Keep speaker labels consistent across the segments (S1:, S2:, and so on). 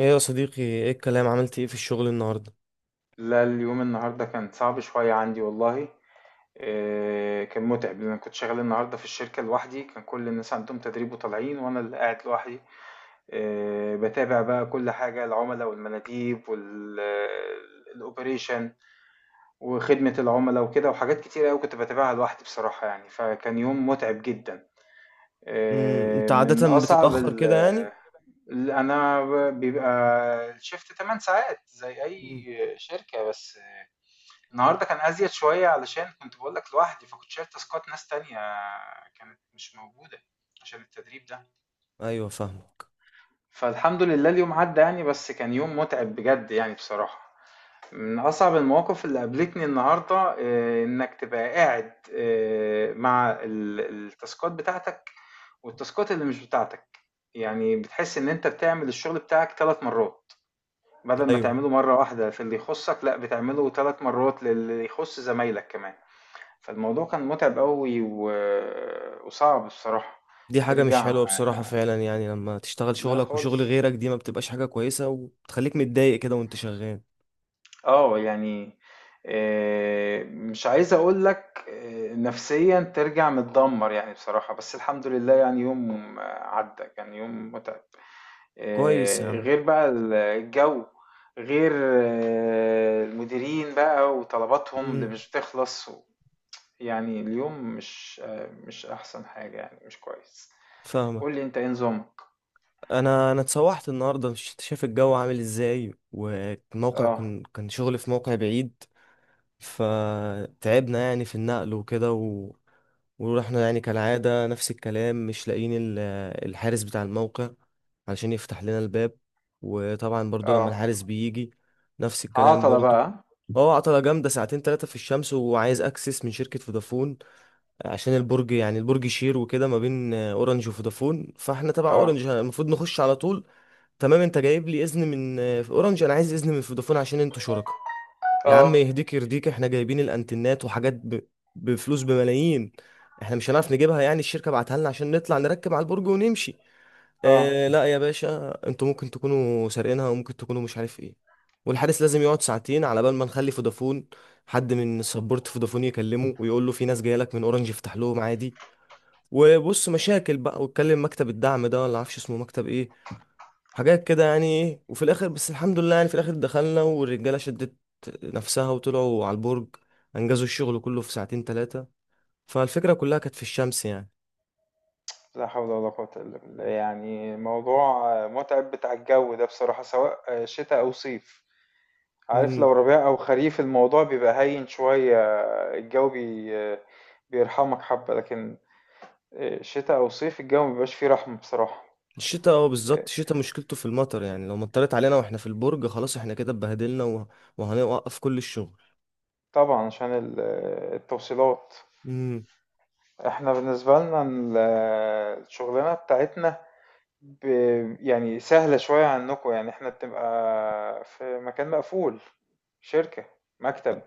S1: ايه يا صديقي، ايه الكلام؟ عملت ايه في الشغل النهارده؟
S2: لا، اليوم النهاردة كان صعب شوية عندي والله. كان متعب لأن أنا كنت شغال النهاردة في الشركة لوحدي، كان كل الناس عندهم تدريب وطالعين وأنا اللي قاعد لوحدي. بتابع بقى كل حاجة، العملاء والمناديب والأوبريشن وخدمة العملاء وكده، وحاجات كتير أوي كنت بتابعها لوحدي بصراحة يعني، فكان يوم متعب جدا. آه،
S1: انت
S2: من
S1: عادة
S2: أصعب
S1: بتتأخر
S2: ال
S1: كده يعني؟
S2: ال- أنا ب- بيبقى الشفت 8 ساعات زي
S1: مم.
S2: أي شركة، بس النهارده كان أزيد شوية علشان كنت باقول لك لوحدي، فكنت شايل تاسكات ناس تانية كانت مش موجودة عشان التدريب ده.
S1: ايوه، فاهمك.
S2: فالحمد لله اليوم عدّى يعني، بس كان يوم متعب بجد يعني بصراحة. من أصعب المواقف اللي قابلتني النهارده إنك تبقى قاعد مع التاسكات بتاعتك والتاسكات اللي مش بتاعتك. يعني بتحس إن أنت بتعمل الشغل بتاعك 3 مرّات، بدل ما
S1: ايوه،
S2: تعمله مرّة واحدة في اللي يخُصّك، لأ بتعمله 3 مرّات للي يخُص زمايلك كمان. فالموضوع كان متعب أوي وصعب الصراحة.
S1: دي حاجة مش
S2: ترجع.
S1: حلوة بصراحة فعلا، يعني لما تشتغل
S2: لا
S1: شغلك وشغل
S2: خالص.
S1: غيرك دي ما بتبقاش حاجة كويسة وبتخليك متضايق كده وانت شغال.
S2: اه، يعني مش عايز اقول لك، نفسيا ترجع متدمر يعني بصراحة، بس الحمد لله يعني يوم عدى، كان يوم متعب.
S1: كويس يا عم.
S2: غير بقى الجو، غير المديرين بقى وطلباتهم اللي
S1: امم.
S2: مش بتخلص يعني اليوم مش احسن حاجة يعني، مش كويس.
S1: فاهمك.
S2: قول لي، انت ايه نظامك؟
S1: انا اتسوحت النهارده، مش انت شايف الجو عامل ازاي؟ والموقع
S2: اه
S1: كان شغل في موقع بعيد. فتعبنا يعني في النقل وكده. ورحنا يعني كالعادة نفس الكلام، مش لاقيين الحارس بتاع الموقع علشان يفتح لنا الباب. وطبعا برضو لما
S2: اه،
S1: الحارس بيجي، نفس الكلام
S2: عطلة
S1: برضو.
S2: بقى.
S1: هو عطلة جامدة ساعتين تلاتة في الشمس، وعايز اكسس من شركة فودافون. عشان البرج، يعني البرج شير وكده ما بين اورنج وفودافون، فاحنا تبع
S2: اه
S1: اورنج المفروض نخش على طول. تمام، انت جايب لي اذن من اورنج، انا عايز اذن من فودافون عشان انتوا شركاء. يا عم
S2: اه
S1: يهديك يرضيك، احنا جايبين الانتنات وحاجات بفلوس بملايين. احنا مش هنعرف نجيبها؟ يعني الشركة بعتها لنا عشان نطلع نركب على البرج ونمشي.
S2: اه،
S1: اه لا يا باشا، انتوا ممكن تكونوا سارقينها وممكن تكونوا مش عارف ايه. والحارس لازم يقعد ساعتين على بال ما نخلي فودافون، حد من سبورت فودافون يكلمه ويقول له في ناس جايه لك من اورنج افتح لهم عادي. وبص مشاكل بقى، واتكلم مكتب الدعم ده ولا عارفش اسمه مكتب ايه، حاجات كده يعني ايه. وفي الاخر، بس الحمد لله يعني، في الاخر دخلنا والرجاله شدت نفسها وطلعوا على البرج، انجزوا الشغل كله في ساعتين ثلاثه. فالفكره كلها كانت في الشمس يعني.
S2: لا حول ولا قوة إلا بالله، يعني موضوع متعب بتاع الجو ده بصراحة، سواء شتاء أو صيف. عارف،
S1: امم.
S2: لو ربيع أو خريف الموضوع بيبقى هين شوية. الجو بيرحمك حبة، لكن شتاء أو صيف الجو مبيبقاش فيه رحمة بصراحة.
S1: الشتاء، اه، بالظبط، الشتاء مشكلته في المطر، يعني لو مطرت علينا واحنا في البرج خلاص احنا كده اتبهدلنا وهنوقف كل الشغل.
S2: طبعا عشان التوصيلات.
S1: امم.
S2: احنا بالنسبة لنا الشغلانة بتاعتنا ب... يعني سهلة شوية عنكم، يعني احنا بتبقى في مكان مقفول، شركة، مكتب،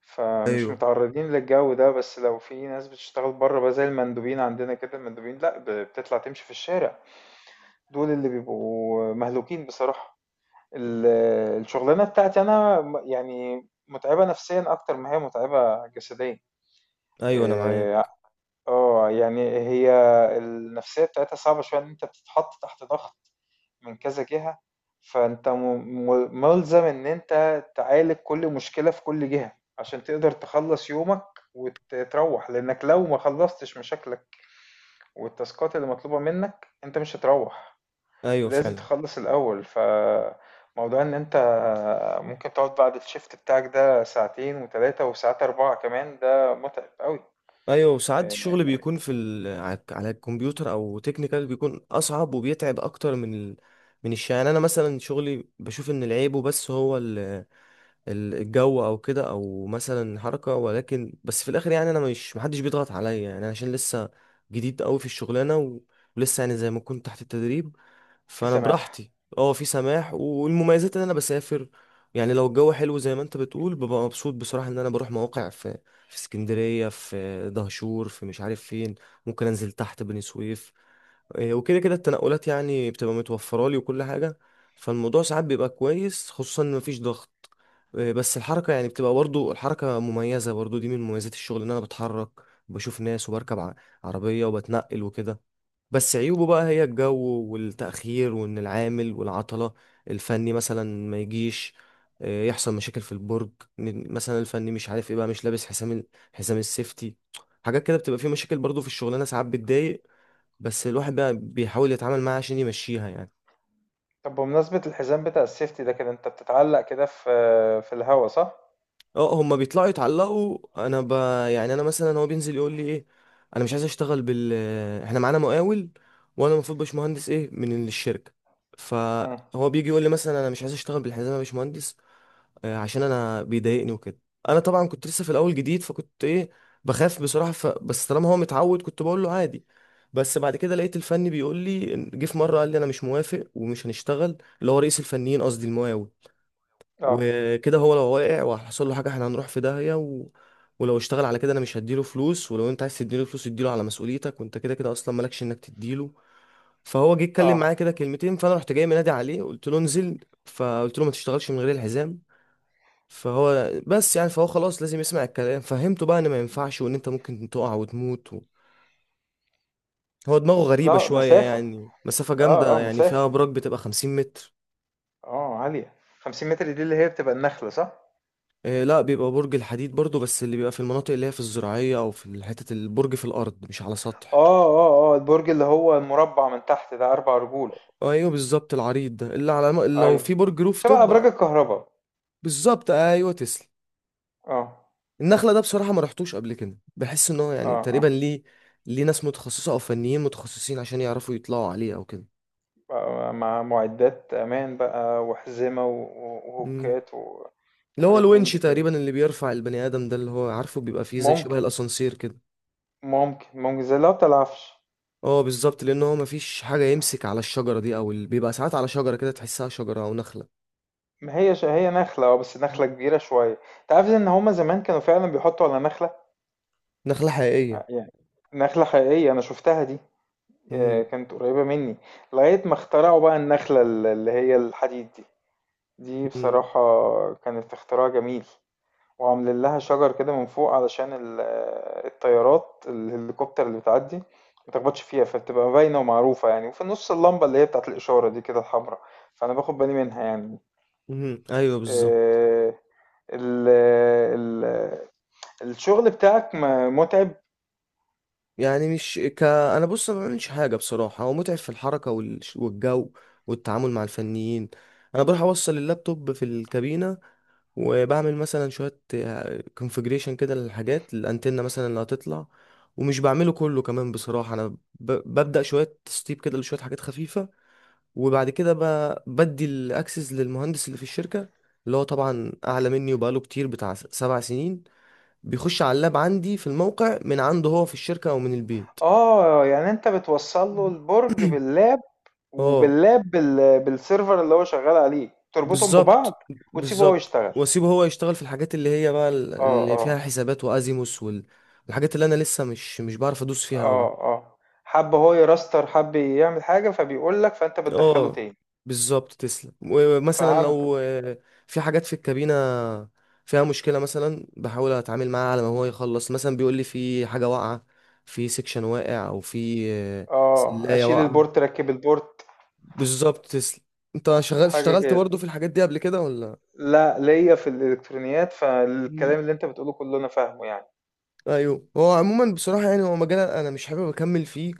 S2: فمش
S1: ايوه.
S2: متعرضين للجو ده. بس لو في ناس بتشتغل بره بقى زي المندوبين عندنا كده، المندوبين لا بتطلع تمشي في الشارع، دول اللي بيبقوا مهلوكين بصراحة. ال- الشغلانة بتاعتي انا يعني متعبة نفسيا اكتر ما هي متعبة جسديا.
S1: ايوه انا
S2: إيه،
S1: معاك.
S2: يعني هي النفسية بتاعتها صعبة شوية، إن أنت بتتحط تحت ضغط من كذا جهة. فأنت ملزم إن أنت تعالج كل مشكلة في كل جهة عشان تقدر تخلص يومك وتروح، لأنك لو ما خلصتش مشاكلك والتاسكات اللي مطلوبة منك أنت مش هتروح،
S1: ايوه
S2: لازم
S1: فعلا.
S2: تخلص الأول. فموضوع إن أنت ممكن تقعد بعد الشيفت بتاعك ده ساعتين وتلاتة وساعات أربعة كمان، ده متعب قوي.
S1: ايوه، وساعات
S2: آه،
S1: الشغل بيكون في على الكمبيوتر او تكنيكال بيكون اصعب وبيتعب اكتر من من الشغل يعني. انا مثلا شغلي، بشوف ان العيبه بس هو الجو او كده، او مثلا حركه. ولكن بس في الاخر يعني انا مش محدش بيضغط عليا يعني، أنا عشان لسه جديد قوي في الشغلانه، ولسه يعني زي ما كنت تحت التدريب،
S2: في
S1: فانا
S2: سماح.
S1: براحتي. اه في سماح، والمميزات ان انا بسافر. يعني لو الجو حلو زي ما انت بتقول، ببقى مبسوط بصراحه ان انا بروح مواقع في اسكندريه، في دهشور، في مش عارف فين. ممكن انزل تحت بني سويف. وكده كده التنقلات يعني بتبقى متوفره لي وكل حاجه. فالموضوع ساعات بيبقى كويس، خصوصا ان مفيش ضغط. بس الحركه يعني بتبقى برضو، الحركه مميزه برضو، دي من مميزات الشغل ان انا بتحرك، بشوف ناس، وبركب عربيه وبتنقل وكده. بس عيوبه بقى هي الجو والتأخير، وإن العامل والعطلة الفني مثلا ما يجيش، يحصل مشاكل في البرج، إن مثلا الفني مش عارف ايه بقى، مش لابس حزام حزام السيفتي. حاجات كده بتبقى فيه مشاكل برضه في الشغلانة، ساعات بتضايق. بس الواحد بقى بيحاول يتعامل معاها عشان يمشيها يعني.
S2: طب، بمناسبة الحزام بتاع السيفتي ده، كده انت بتتعلق كده في الهوا، صح؟
S1: اه هما بيطلعوا يتعلقوا، انا، يعني انا مثلا هو بينزل يقول لي ايه، انا مش عايز اشتغل بال، احنا معانا مقاول وانا المفروض باشمهندس ايه من الشركه.
S2: مم.
S1: فهو بيجي يقول لي مثلا، انا مش عايز اشتغل بالحزام يا باشمهندس. عشان انا بيضايقني وكده. انا طبعا كنت لسه في الاول جديد فكنت ايه، بخاف بصراحه، بس طالما هو متعود كنت بقول له عادي. بس بعد كده لقيت الفني بيقول لي، جه في مره قال لي انا مش موافق ومش هنشتغل، اللي هو رئيس الفنيين قصدي المقاول.
S2: اه
S1: وكده، هو لو واقع وحصل له حاجه احنا هنروح في داهيه، ولو اشتغل على كده انا مش هديله فلوس، ولو انت عايز تديله فلوس اديله على مسؤوليتك، وانت كده كده اصلا مالكش انك تديله. فهو جه اتكلم
S2: اه،
S1: معايا كده كلمتين، فانا رحت جاي منادي عليه قلت له انزل، فقلت له ما تشتغلش من غير الحزام. فهو بس يعني، فهو خلاص لازم يسمع الكلام، فهمته بقى ان ما ينفعش، وان انت ممكن تقع وتموت. هو دماغه غريبة
S2: لا
S1: شوية
S2: مسافة.
S1: يعني، مسافة
S2: اه
S1: جامدة
S2: اه،
S1: يعني فيها
S2: مسافة.
S1: أبراج بتبقى 50 متر.
S2: اه، عالية. 50 متر دي اللي هي بتبقى النخلة، صح؟
S1: لا، بيبقى برج الحديد برضو، بس اللي بيبقى في المناطق اللي هي في الزراعية أو في حتة البرج في الأرض مش على سطح.
S2: اه اه اه، البرج اللي هو المربع من تحت ده اربع رجول.
S1: أيوه بالظبط، العريض ده اللي على لو
S2: ايوه،
S1: في برج روف
S2: شبه
S1: توب.
S2: ابراج الكهرباء.
S1: بالظبط، أيوه، تسلم.
S2: اه
S1: النخلة ده بصراحة ما رحتوش قبل كده، بحس إن هو يعني
S2: اه
S1: تقريبا
S2: اه،
S1: ليه ناس متخصصة أو فنيين متخصصين عشان يعرفوا يطلعوا عليه أو كده.
S2: مع معدات امان بقى وحزمة
S1: مم.
S2: وهوكات
S1: اللي هو
S2: وحاجات من
S1: الونش
S2: دي كده.
S1: تقريبا اللي بيرفع البني آدم ده، اللي هو عارفه بيبقى فيه زي شبه
S2: ممكن
S1: الأسانسير كده.
S2: ممكن زي اللي هو بتاع العفش.
S1: اه بالظبط، لأن هو مفيش حاجة يمسك على الشجرة دي أو بيبقى ساعات على شجرة كده، تحسها شجرة أو نخلة.
S2: ما هي هي نخلة، اه بس نخلة كبيرة شوية. انت عارف ان هما زمان كانوا فعلا بيحطوا على نخلة؟
S1: نخلة حقيقية.
S2: يعني نخلة حقيقية انا شفتها دي.
S1: مم.
S2: كانت قريبة مني. لغاية ما اخترعوا بقى النخلة اللي هي الحديد دي. دي
S1: مم.
S2: بصراحة كانت اختراع جميل، وعاملين لها شجر كده من فوق علشان الطيارات الهليكوبتر اللي بتعدي ما تخبطش فيها، فبتبقى باينة ومعروفة يعني، وفي النص اللمبة اللي هي بتاعت الإشارة دي كده الحمراء، فأنا باخد بالي منها يعني.
S1: مم. ايوه بالظبط.
S2: آه، ال ال الشغل بتاعك متعب.
S1: يعني مش ك، انا بص، أنا ما بعملش حاجة بصراحة، هو متعب في الحركة والجو والتعامل مع الفنيين. انا بروح اوصل اللابتوب في الكابينة، وبعمل مثلا شوية كونفجريشن كده للحاجات الانتنة مثلا اللي هتطلع. ومش بعمله كله كمان بصراحة، انا، ببدأ شوية تسطيب كده لشوية حاجات خفيفة. وبعد كده، بدي الاكسس للمهندس اللي في الشركة، اللي هو طبعا اعلى مني وبقاله كتير بتاع 7 سنين. بيخش على اللاب عندي في الموقع من عنده هو في الشركة او من البيت.
S2: اه، يعني انت بتوصل له
S1: مم.
S2: البرج باللاب،
S1: اه،
S2: وباللاب بالسيرفر اللي هو شغال عليه، تربطهم ببعض
S1: بالظبط.
S2: وتسيبه هو
S1: بالظبط،
S2: يشتغل.
S1: واسيبه هو يشتغل في الحاجات اللي هي بقى
S2: اه
S1: اللي فيها
S2: اه،
S1: حسابات وازيموس والحاجات اللي انا لسه مش بعرف ادوس فيها
S2: اه
S1: قوي.
S2: اه، حب هو يراستر، حب يعمل حاجة فبيقول لك، فانت بتدخله
S1: اه
S2: تاني.
S1: بالظبط تسلم، ومثلا
S2: فهمت.
S1: لو في حاجات في الكابينة فيها مشكلة مثلا، بحاول اتعامل معاها على ما هو يخلص. مثلا بيقول لي في حاجة واقعة، في سكشن واقع، او في
S2: اه،
S1: سلاية
S2: اشيل
S1: واقعة.
S2: البورت، ركب البورت،
S1: بالظبط تسلم. انت شغال،
S2: حاجة
S1: اشتغلت
S2: كده.
S1: برضو في الحاجات دي قبل كده ولا؟
S2: لا، ليا في الالكترونيات،
S1: مم.
S2: فالكلام اللي انت بتقوله كله انا فاهمه يعني.
S1: ايوه. هو عموما بصراحه يعني، هو مجال انا مش حابب اكمل فيه ك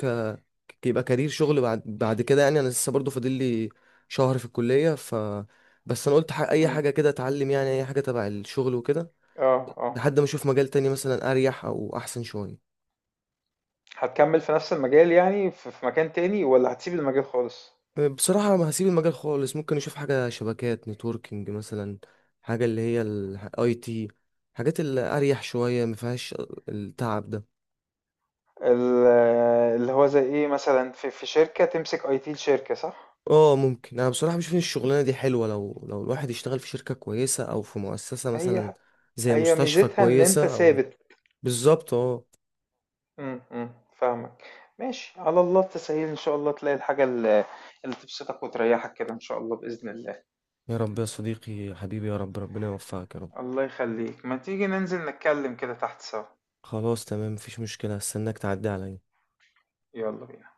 S1: ك- يبقى كارير شغل بعد كده يعني. انا لسه برضو فاضل لي شهر في الكليه، بس انا قلت، اي
S2: مم.
S1: حاجه كده اتعلم يعني، اي حاجه تبع الشغل وكده،
S2: اه اه،
S1: لحد ما اشوف مجال تاني مثلا اريح او احسن شويه.
S2: هتكمل في نفس المجال يعني في مكان تاني، ولا هتسيب المجال خالص؟
S1: بصراحه ما هسيب المجال خالص، ممكن اشوف حاجه شبكات نتوركينج مثلا، حاجه اللي هي الـIT، حاجات اللي اريح شويه ما فيهاش التعب ده.
S2: ال- اللي هو زي ايه مثلا، في شركة تمسك IT الشركة، صح؟
S1: اه ممكن، انا بصراحه بشوف ان الشغلانه دي حلوه لو الواحد يشتغل في شركه كويسه او في مؤسسه مثلا،
S2: هي
S1: زي
S2: هي
S1: مستشفى
S2: ميزتها ان انت
S1: كويسه او.
S2: ثابت.
S1: بالظبط، اه.
S2: أمم، فاهمك. ماشي، على الله التسهيل، ان شاء الله تلاقي الحاجة اللي تبسطك وتريحك كده، ان شاء الله بإذن الله.
S1: يا رب يا صديقي، يا حبيبي يا رب، ربنا يوفقك يا رب.
S2: الله يخليك، ما تيجي ننزل نتكلم كده تحت سوا؟
S1: خلاص تمام، مفيش مشكله، هستناك تعدي عليا.
S2: يلا بينا.